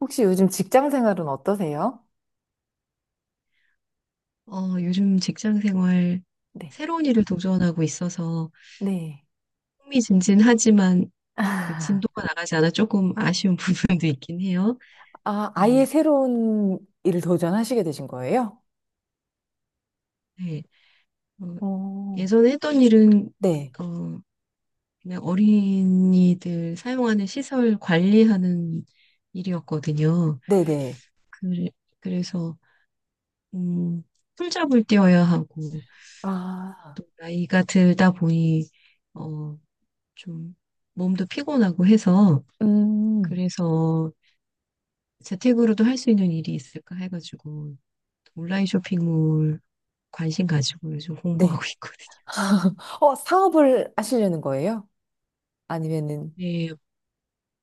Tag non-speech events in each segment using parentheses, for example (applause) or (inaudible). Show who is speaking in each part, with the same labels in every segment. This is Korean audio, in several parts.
Speaker 1: 혹시 요즘 직장 생활은 어떠세요?
Speaker 2: 요즘 직장 생활
Speaker 1: 네.
Speaker 2: 새로운 일을 도전하고 있어서
Speaker 1: 네.
Speaker 2: 흥미진진하지만 그 진도가
Speaker 1: (laughs)
Speaker 2: 나가지 않아 조금 아쉬운 (laughs) 부분도 있긴 해요.
Speaker 1: 아, 아예
Speaker 2: 음,
Speaker 1: 새로운 일을 도전하시게 되신 거예요?
Speaker 2: 네. 어,
Speaker 1: 어,
Speaker 2: 예전에 했던 일은
Speaker 1: 네.
Speaker 2: 어, 그냥 어린이들 사용하는 시설 관리하는 일이었거든요.
Speaker 1: 네네.
Speaker 2: 그, 그래서 음, 풀잡을 뛰어야 하고
Speaker 1: 아,
Speaker 2: 또 나이가 들다 보니 어, 좀 몸도 피곤하고 해서
Speaker 1: 음,
Speaker 2: 그래서 재택으로도 할 수 있는 일이 있을까 해가지고 온라인 쇼핑몰 관심 가지고 요즘 공부하고
Speaker 1: 네.
Speaker 2: (laughs) 있거든요.
Speaker 1: (laughs) 어, 사업을 하시려는 거예요? 아니면은,
Speaker 2: 네,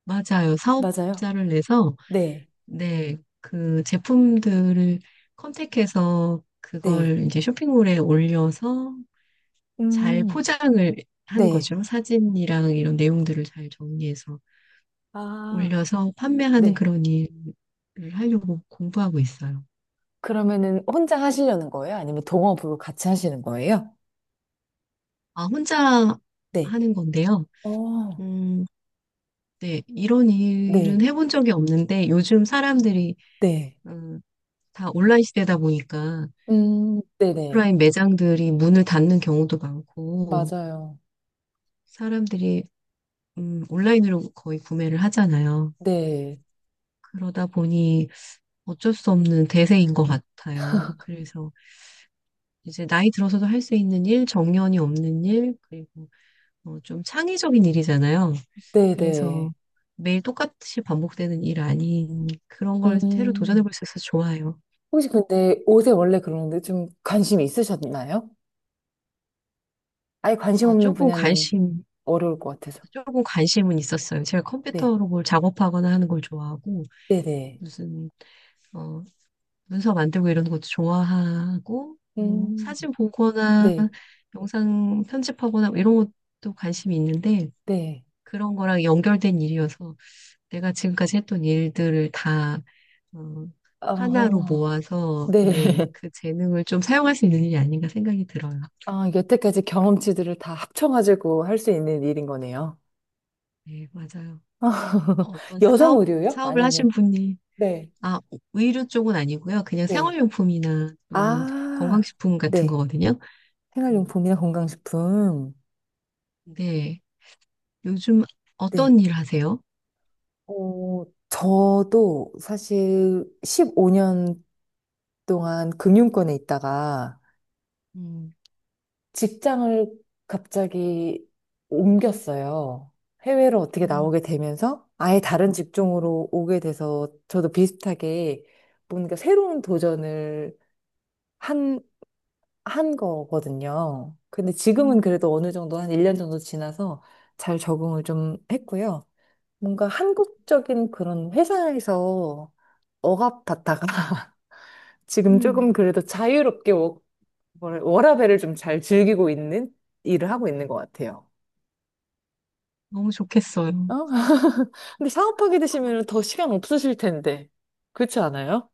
Speaker 2: 맞아요.
Speaker 1: 맞아요?
Speaker 2: 사업자를 내서
Speaker 1: 네.
Speaker 2: 네, 그 제품들을 컨택해서
Speaker 1: 네.
Speaker 2: 그걸 이제 쇼핑몰에 올려서 잘
Speaker 1: 음,
Speaker 2: 포장을 하는
Speaker 1: 네.
Speaker 2: 거죠. 사진이랑 이런 내용들을 잘 정리해서
Speaker 1: 아,
Speaker 2: 올려서 판매하는
Speaker 1: 네.
Speaker 2: 그런 일을 하려고 공부하고 있어요.
Speaker 1: 그러면은 혼자 하시려는 거예요? 아니면 동업으로 같이 하시는 거예요?
Speaker 2: 아, 혼자
Speaker 1: 네.
Speaker 2: 하는 건데요.
Speaker 1: 어,
Speaker 2: 음, 네, 이런 일은
Speaker 1: 네.
Speaker 2: 해본 적이 없는데 요즘 사람들이
Speaker 1: 네.
Speaker 2: 음, 다 온라인 시대다 보니까
Speaker 1: 네네.
Speaker 2: 오프라인 매장들이 문을 닫는 경우도 많고
Speaker 1: 맞아요.
Speaker 2: 사람들이 온라인으로 거의 구매를 하잖아요.
Speaker 1: 네.
Speaker 2: 그러다 보니 어쩔 수 없는 대세인 것 같아요. 그래서 이제 나이 들어서도 할 수 있는 일, 정년이 없는 일, 그리고 좀 창의적인 일이잖아요.
Speaker 1: 네네.
Speaker 2: 그래서 매일 똑같이 반복되는 일 아닌 그런 걸 새로
Speaker 1: 음.
Speaker 2: 도전해볼 수 있어서 좋아요.
Speaker 1: 혹시 근데 옷에 원래 그런데 좀 관심이 있으셨나요? 아예 관심
Speaker 2: 어,
Speaker 1: 없는
Speaker 2: 조금
Speaker 1: 분야는
Speaker 2: 관심,
Speaker 1: 어려울 것 같아서.
Speaker 2: 조금 관심은 있었어요. 제가
Speaker 1: 네.
Speaker 2: 컴퓨터로 뭘 작업하거나 하는 걸 좋아하고,
Speaker 1: 네네.
Speaker 2: 무슨, 어, 문서 만들고 이런 것도 좋아하고, 뭐,
Speaker 1: 음.
Speaker 2: 사진 보거나
Speaker 1: 네.
Speaker 2: 영상 편집하거나 뭐 이런 것도 관심이 있는데,
Speaker 1: 네.
Speaker 2: 그런 거랑 연결된 일이어서 내가 지금까지 했던 일들을 다, 어, 하나로
Speaker 1: 아,
Speaker 2: 모아서,
Speaker 1: 네.
Speaker 2: 네,
Speaker 1: (laughs)
Speaker 2: 그 재능을 좀 사용할 수 있는 일이 아닌가 생각이 들어요.
Speaker 1: 아, 여태까지 경험치들을 다 합쳐가지고 할 수 있는 일인 거네요.
Speaker 2: 네, 맞아요.
Speaker 1: (laughs)
Speaker 2: 어떤
Speaker 1: 여성
Speaker 2: 사업,
Speaker 1: 의류요?
Speaker 2: 사업을 하신
Speaker 1: 아니면?
Speaker 2: 분이.
Speaker 1: 네.
Speaker 2: 아, 의류 쪽은 아니고요. 그냥
Speaker 1: 네.
Speaker 2: 생활용품이나 또는
Speaker 1: 아,
Speaker 2: 건강식품 같은
Speaker 1: 네.
Speaker 2: 거거든요. 음,
Speaker 1: 생활용품이나 건강식품.
Speaker 2: 네. 요즘
Speaker 1: 네.
Speaker 2: 어떤 일 하세요?
Speaker 1: 어, 저도 사실 15년 동안 금융권에 있다가
Speaker 2: 음,
Speaker 1: 직장을 갑자기 옮겼어요. 해외로 어떻게
Speaker 2: 음,
Speaker 1: 나오게 되면서 아예 다른
Speaker 2: 음,
Speaker 1: 직종으로 오게 돼서 저도 비슷하게 뭔가 새로운 도전을 한, 한 거거든요. 근데 지금은
Speaker 2: 음,
Speaker 1: 그래도 어느 정도 한 1년 정도 지나서 잘 적응을 좀 했고요. 뭔가 한국적인 그런 회사에서 억압받다가 지금
Speaker 2: 음.
Speaker 1: 조금 그래도 자유롭게 워라밸을 좀 잘 즐기고 있는 일을 하고 있는 것 같아요.
Speaker 2: 너무 좋겠어요.
Speaker 1: 어? (laughs) 근데 사업하게 되시면 더 시간 없으실 텐데. 그렇지 않아요?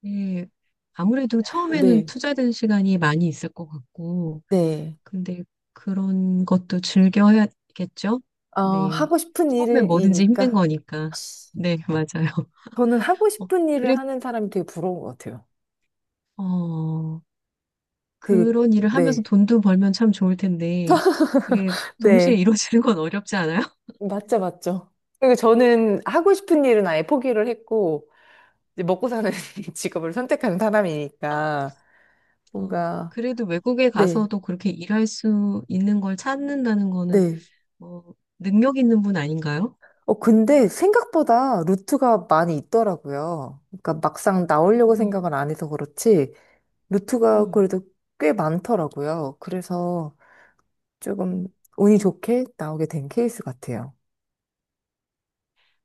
Speaker 2: 네. 아무래도 처음에는
Speaker 1: 네.
Speaker 2: 투자된 시간이 많이 있을 것 같고,
Speaker 1: 네.
Speaker 2: 근데 그런 것도 즐겨야겠죠?
Speaker 1: 어,
Speaker 2: 네.
Speaker 1: 하고 싶은
Speaker 2: 처음에 뭐든지 힘든
Speaker 1: 일이니까
Speaker 2: 거니까. 네, 맞아요. (laughs)
Speaker 1: 저는 하고
Speaker 2: 어,
Speaker 1: 싶은
Speaker 2: 그래,
Speaker 1: 일을 하는 사람이 되게 부러운 것 같아요.
Speaker 2: 어.
Speaker 1: 되게,
Speaker 2: 그런 일을 하면서
Speaker 1: 네.
Speaker 2: 돈도 벌면 참 좋을 텐데, 그게 동시에
Speaker 1: 네.
Speaker 2: 이루어지는 건 어렵지 않아요? (laughs)
Speaker 1: 맞죠, 맞죠. 그리고 저는 하고 싶은 일은 아예 포기를 했고, 이제 먹고 사는 (laughs) 직업을 선택한 사람이니까,
Speaker 2: 어,
Speaker 1: 뭔가,
Speaker 2: 그래도 외국에
Speaker 1: 네.
Speaker 2: 가서도 그렇게 일할 수 있는 걸 찾는다는 거는,
Speaker 1: 네.
Speaker 2: 뭐 능력 있는 분 아닌가요?
Speaker 1: 어, 근데 생각보다 루트가 많이 있더라고요. 그러니까 막상 나오려고
Speaker 2: 음,
Speaker 1: 생각을 안 해서 그렇지, 루트가
Speaker 2: 음.
Speaker 1: 그래도 꽤 많더라고요. 그래서 조금 운이 좋게 나오게 된 케이스 같아요.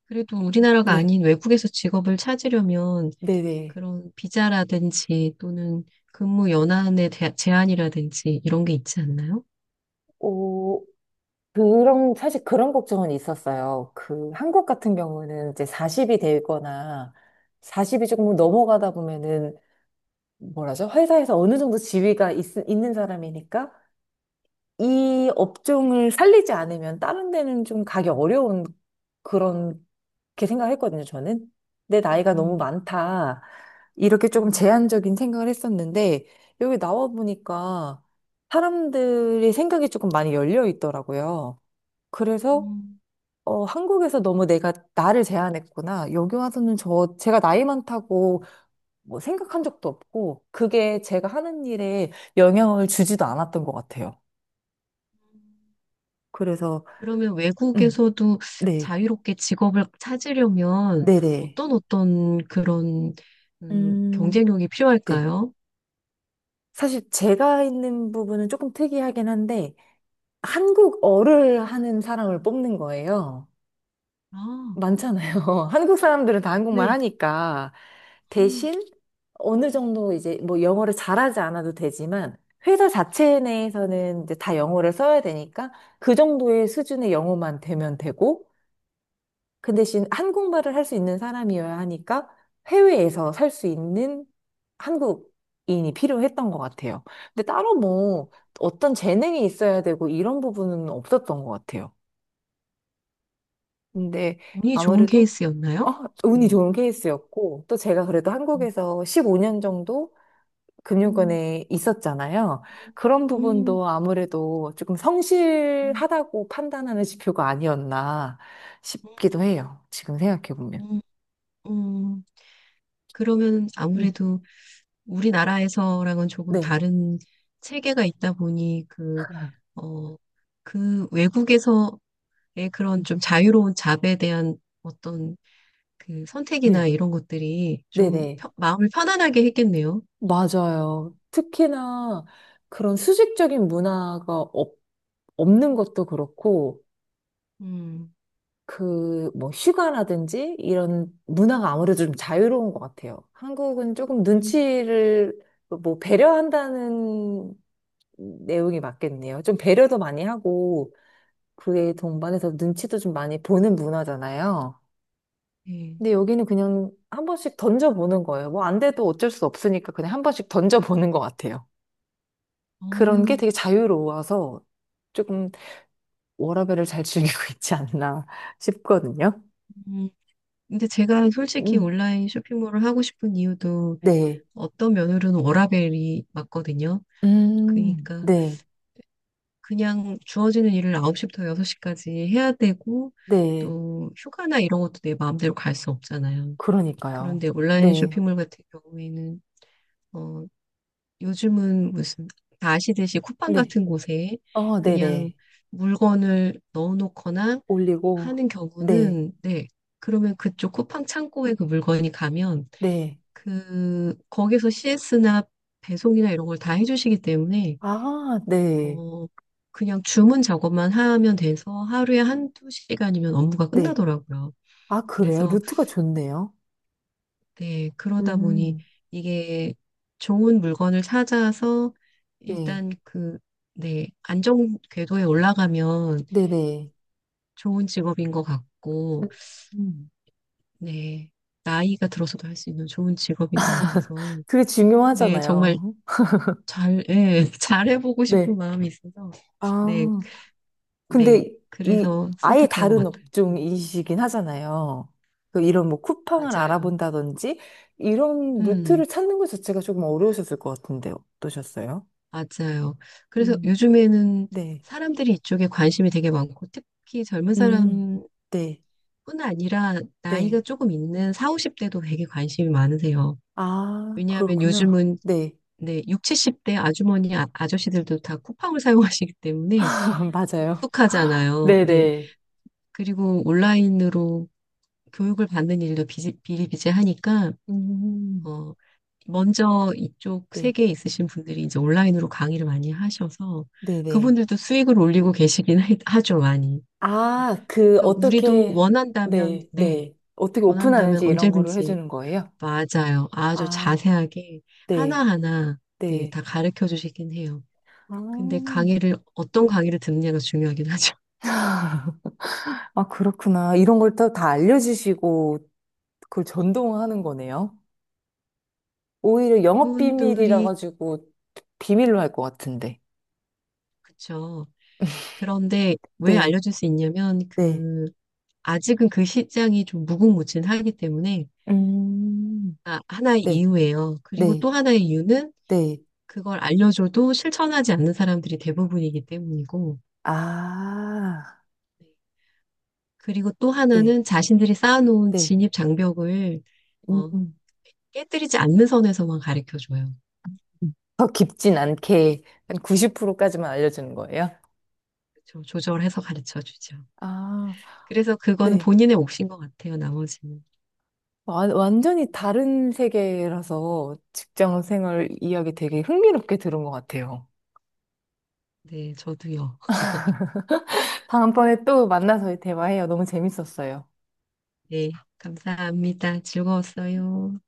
Speaker 2: 그래도 우리나라가
Speaker 1: 네.
Speaker 2: 아닌 외국에서 직업을 찾으려면
Speaker 1: 네네.
Speaker 2: 그런 비자라든지 또는 근무 연한의 제한이라든지 이런 게 있지 않나요?
Speaker 1: 오, 그런, 사실 그런 걱정은 있었어요. 그, 한국 같은 경우는 이제 40이 되거나 40이 조금 넘어가다 보면은, 뭐라죠? 회사에서 어느 정도 지위가 있는 사람이니까 이 업종을 살리지 않으면 다른 데는 좀 가기 어려운 그런 게 생각했거든요, 저는. 내 나이가 너무
Speaker 2: 음,
Speaker 1: 많다. 이렇게 조금
Speaker 2: 음,
Speaker 1: 제한적인 생각을 했었는데, 여기 나와 보니까 사람들의 생각이 조금 많이 열려 있더라고요. 그래서,
Speaker 2: 음.
Speaker 1: 어, 한국에서 너무 내가 나를 제한했구나. 여기 와서는 저, 제가 나이 많다고 뭐 생각한 적도 없고, 그게 제가 하는 일에 영향을 주지도 않았던 것 같아요. 그래서,
Speaker 2: 그러면
Speaker 1: 음.
Speaker 2: 외국에서도
Speaker 1: 네.
Speaker 2: 자유롭게 직업을 찾으려면
Speaker 1: 네네.
Speaker 2: 어떤 그런
Speaker 1: 음,
Speaker 2: 경쟁력이
Speaker 1: 네.
Speaker 2: 필요할까요?
Speaker 1: 사실 제가 있는 부분은 조금 특이하긴 한데, 한국어를 하는 사람을 뽑는 거예요.
Speaker 2: 아,
Speaker 1: 많잖아요. (laughs) 한국 사람들은 다 한국말
Speaker 2: 네.
Speaker 1: 하니까.
Speaker 2: 음,
Speaker 1: 대신 어느 정도 이제 뭐 영어를 잘하지 않아도 되지만, 회사 자체 내에서는 이제 다 영어를 써야 되니까, 그 정도의 수준의 영어만 되면 되고, 그 대신 한국말을 할 수 있는 사람이어야 하니까 해외에서 살 수 있는 한국인이 필요했던 것 같아요. 근데 따로 뭐 어떤 재능이 있어야 되고 이런 부분은 없었던 것 같아요. 근데
Speaker 2: 운이 좋은
Speaker 1: 아무래도 어,
Speaker 2: 케이스였나요?
Speaker 1: 운이
Speaker 2: 음.
Speaker 1: 좋은 케이스였고 또 제가 그래도
Speaker 2: 음,
Speaker 1: 한국에서 15년 정도
Speaker 2: 음,
Speaker 1: 금융권에 있었잖아요. 그런
Speaker 2: 음,
Speaker 1: 부분도 아무래도 조금
Speaker 2: 음,
Speaker 1: 성실하다고 판단하는 지표가 아니었나 싶기도 해요. 지금 생각해 보면.
Speaker 2: 음, 음. 그러면
Speaker 1: 음,
Speaker 2: 아무래도 우리나라에서랑은 조금
Speaker 1: 네.
Speaker 2: 다른 체계가 있다 보니 어, 그 외국에서의 그런 좀 자유로운 잡에 대한 어떤 그 선택이나
Speaker 1: 네,
Speaker 2: 이런 것들이 좀
Speaker 1: 네네.
Speaker 2: 마음을 편안하게 했겠네요.
Speaker 1: 맞아요. 특히나 그런 수직적인 문화가 없는 것도 그렇고,
Speaker 2: 음,
Speaker 1: 그, 뭐, 휴가라든지 이런 문화가 아무래도 좀 자유로운 것 같아요. 한국은 조금
Speaker 2: 음,
Speaker 1: 눈치를 뭐, 배려한다는 내용이 맞겠네요. 좀 배려도 많이 하고, 그에 동반해서 눈치도 좀 많이 보는 문화잖아요.
Speaker 2: 네.
Speaker 1: 근데 여기는 그냥 한 번씩 던져보는 거예요. 뭐, 안 돼도 어쩔 수 없으니까 그냥 한 번씩 던져보는 것 같아요. 그런 게
Speaker 2: 어,
Speaker 1: 되게 자유로워서 조금 워라밸을 잘 즐기고 (laughs) 있지 않나 싶거든요.
Speaker 2: 음. 근데 제가 솔직히
Speaker 1: 음,
Speaker 2: 온라인 쇼핑몰을 하고 싶은 이유도
Speaker 1: 네.
Speaker 2: 어떤 면으로는 워라밸이 맞거든요. 그러니까
Speaker 1: 네.
Speaker 2: 그냥 주어지는 일을 9시부터 6시까지 해야 되고
Speaker 1: 네.
Speaker 2: 또 휴가나 이런 것도 내 마음대로 갈 수 없잖아요.
Speaker 1: 그러니까요.
Speaker 2: 그런데 온라인
Speaker 1: 네.
Speaker 2: 쇼핑몰 같은 경우에는 어 요즘은 무슨 다 아시듯이 쿠팡
Speaker 1: 네.
Speaker 2: 같은 곳에
Speaker 1: 어,
Speaker 2: 그냥
Speaker 1: 네네.
Speaker 2: 물건을 넣어놓거나
Speaker 1: 올리고.
Speaker 2: 하는
Speaker 1: 네.
Speaker 2: 경우는 네. 그러면 그쪽 쿠팡 창고에 그 물건이 가면
Speaker 1: 네.
Speaker 2: 거기서 CS나 배송이나 이런 걸 다 해주시기 때문에
Speaker 1: 아, 네.
Speaker 2: 어 그냥 주문 작업만 하면 돼서 하루에 한두 시간이면 업무가
Speaker 1: 네.
Speaker 2: 끝나더라고요.
Speaker 1: 아, 그래요?
Speaker 2: 그래서
Speaker 1: 루트가 좋네요.
Speaker 2: 네, 그러다 보니
Speaker 1: 음,
Speaker 2: 이게 좋은 물건을 찾아서
Speaker 1: 네.
Speaker 2: 일단 네, 안정 궤도에 올라가면
Speaker 1: 네네.
Speaker 2: 좋은 직업인 것 같고,
Speaker 1: 음,
Speaker 2: 네, 나이가 들어서도 할 수 있는 좋은 직업인 것 같아서,
Speaker 1: 그게
Speaker 2: 네, 정말
Speaker 1: 중요하잖아요.
Speaker 2: 예, (laughs) 잘해보고 싶은
Speaker 1: 네.
Speaker 2: 마음이 있어서, 네,
Speaker 1: 아.
Speaker 2: 네,
Speaker 1: 근데 이
Speaker 2: 그래서
Speaker 1: 아예
Speaker 2: 선택한 것
Speaker 1: 다른
Speaker 2: 같아요.
Speaker 1: 업종이시긴 하잖아요. 그 이런 뭐 쿠팡을
Speaker 2: 맞아요.
Speaker 1: 알아본다든지 이런
Speaker 2: 음,
Speaker 1: 루트를 찾는 것 자체가 조금 어려우셨을 것 같은데 어떠셨어요?
Speaker 2: 맞아요. 그래서
Speaker 1: 음,
Speaker 2: 요즘에는
Speaker 1: 네.
Speaker 2: 사람들이 이쪽에 관심이 되게 많고, 특히 젊은
Speaker 1: 음,
Speaker 2: 사람
Speaker 1: 네,
Speaker 2: 뿐 아니라 나이가
Speaker 1: 네.
Speaker 2: 조금 있는 4, 50대도 되게 관심이 많으세요.
Speaker 1: 아,
Speaker 2: 왜냐하면
Speaker 1: 그렇구나.
Speaker 2: 요즘은
Speaker 1: 네.
Speaker 2: 네, 육 70대 아주머니, 아저씨들도 다 쿠팡을 (laughs) 사용하시기 때문에
Speaker 1: (laughs) 맞아요.
Speaker 2: 익숙하잖아요. 네.
Speaker 1: 네네.
Speaker 2: 그리고 온라인으로 교육을 받는 일도 비일비재하니까,
Speaker 1: 음,
Speaker 2: 어, 먼저 이쪽
Speaker 1: 네,
Speaker 2: 세계에 있으신 분들이 이제 온라인으로 강의를 많이 하셔서
Speaker 1: 네네.
Speaker 2: 그분들도 수익을 올리고 계시긴 하죠, 많이.
Speaker 1: 아, 그,
Speaker 2: 그러니까 우리도
Speaker 1: 어떻게,
Speaker 2: 원한다면,
Speaker 1: 네,
Speaker 2: 네,
Speaker 1: 네. 어떻게
Speaker 2: 원한다면
Speaker 1: 오픈하는지 이런 거를
Speaker 2: 언제든지.
Speaker 1: 해주는 거예요?
Speaker 2: 맞아요. 아주
Speaker 1: 아,
Speaker 2: 자세하게
Speaker 1: 네,
Speaker 2: 하나하나 네,
Speaker 1: 네.
Speaker 2: 다 가르쳐 주시긴 해요.
Speaker 1: 아,
Speaker 2: 근데
Speaker 1: (laughs)
Speaker 2: 강의를 어떤 강의를 듣느냐가 중요하긴 하죠. (laughs)
Speaker 1: 아, 그렇구나. 이런 걸 또 다 알려주시고 그걸 전동하는 거네요. 오히려 영업 비밀이라
Speaker 2: 그분들이.
Speaker 1: 가지고 비밀로 할 것 같은데.
Speaker 2: 그쵸. 그런데 왜
Speaker 1: 네,
Speaker 2: 알려줄 수 있냐면
Speaker 1: 네.
Speaker 2: 아직은 그 시장이 좀 무궁무진하기 때문에.
Speaker 1: 음,
Speaker 2: 아, 하나의
Speaker 1: 네,
Speaker 2: 이유예요. 그리고
Speaker 1: 네,
Speaker 2: 또 하나의 이유는
Speaker 1: 네.
Speaker 2: 그걸 알려줘도 실천하지 않는 사람들이 대부분이기 때문이고
Speaker 1: 아,
Speaker 2: 그리고 또
Speaker 1: 네,
Speaker 2: 하나는 자신들이 쌓아놓은
Speaker 1: 네.
Speaker 2: 진입 장벽을
Speaker 1: 음,
Speaker 2: 어,
Speaker 1: 음.
Speaker 2: 깨뜨리지 않는 선에서만 가르쳐 줘요.
Speaker 1: 더 깊진 않게 한 90%까지만 알려주는 거예요?
Speaker 2: 그쵸? 조절해서 가르쳐 주죠.
Speaker 1: 아,
Speaker 2: 그래서 그거는
Speaker 1: 네.
Speaker 2: 본인의 몫인 것 같아요, 나머지는.
Speaker 1: 완전히 다른 세계라서 직장 생활 이야기 되게 흥미롭게 들은 것 같아요.
Speaker 2: 네, 저도요.
Speaker 1: 다음번에 또 만나서 대화해요. 너무 재밌었어요.
Speaker 2: 네, 감사합니다. 즐거웠어요.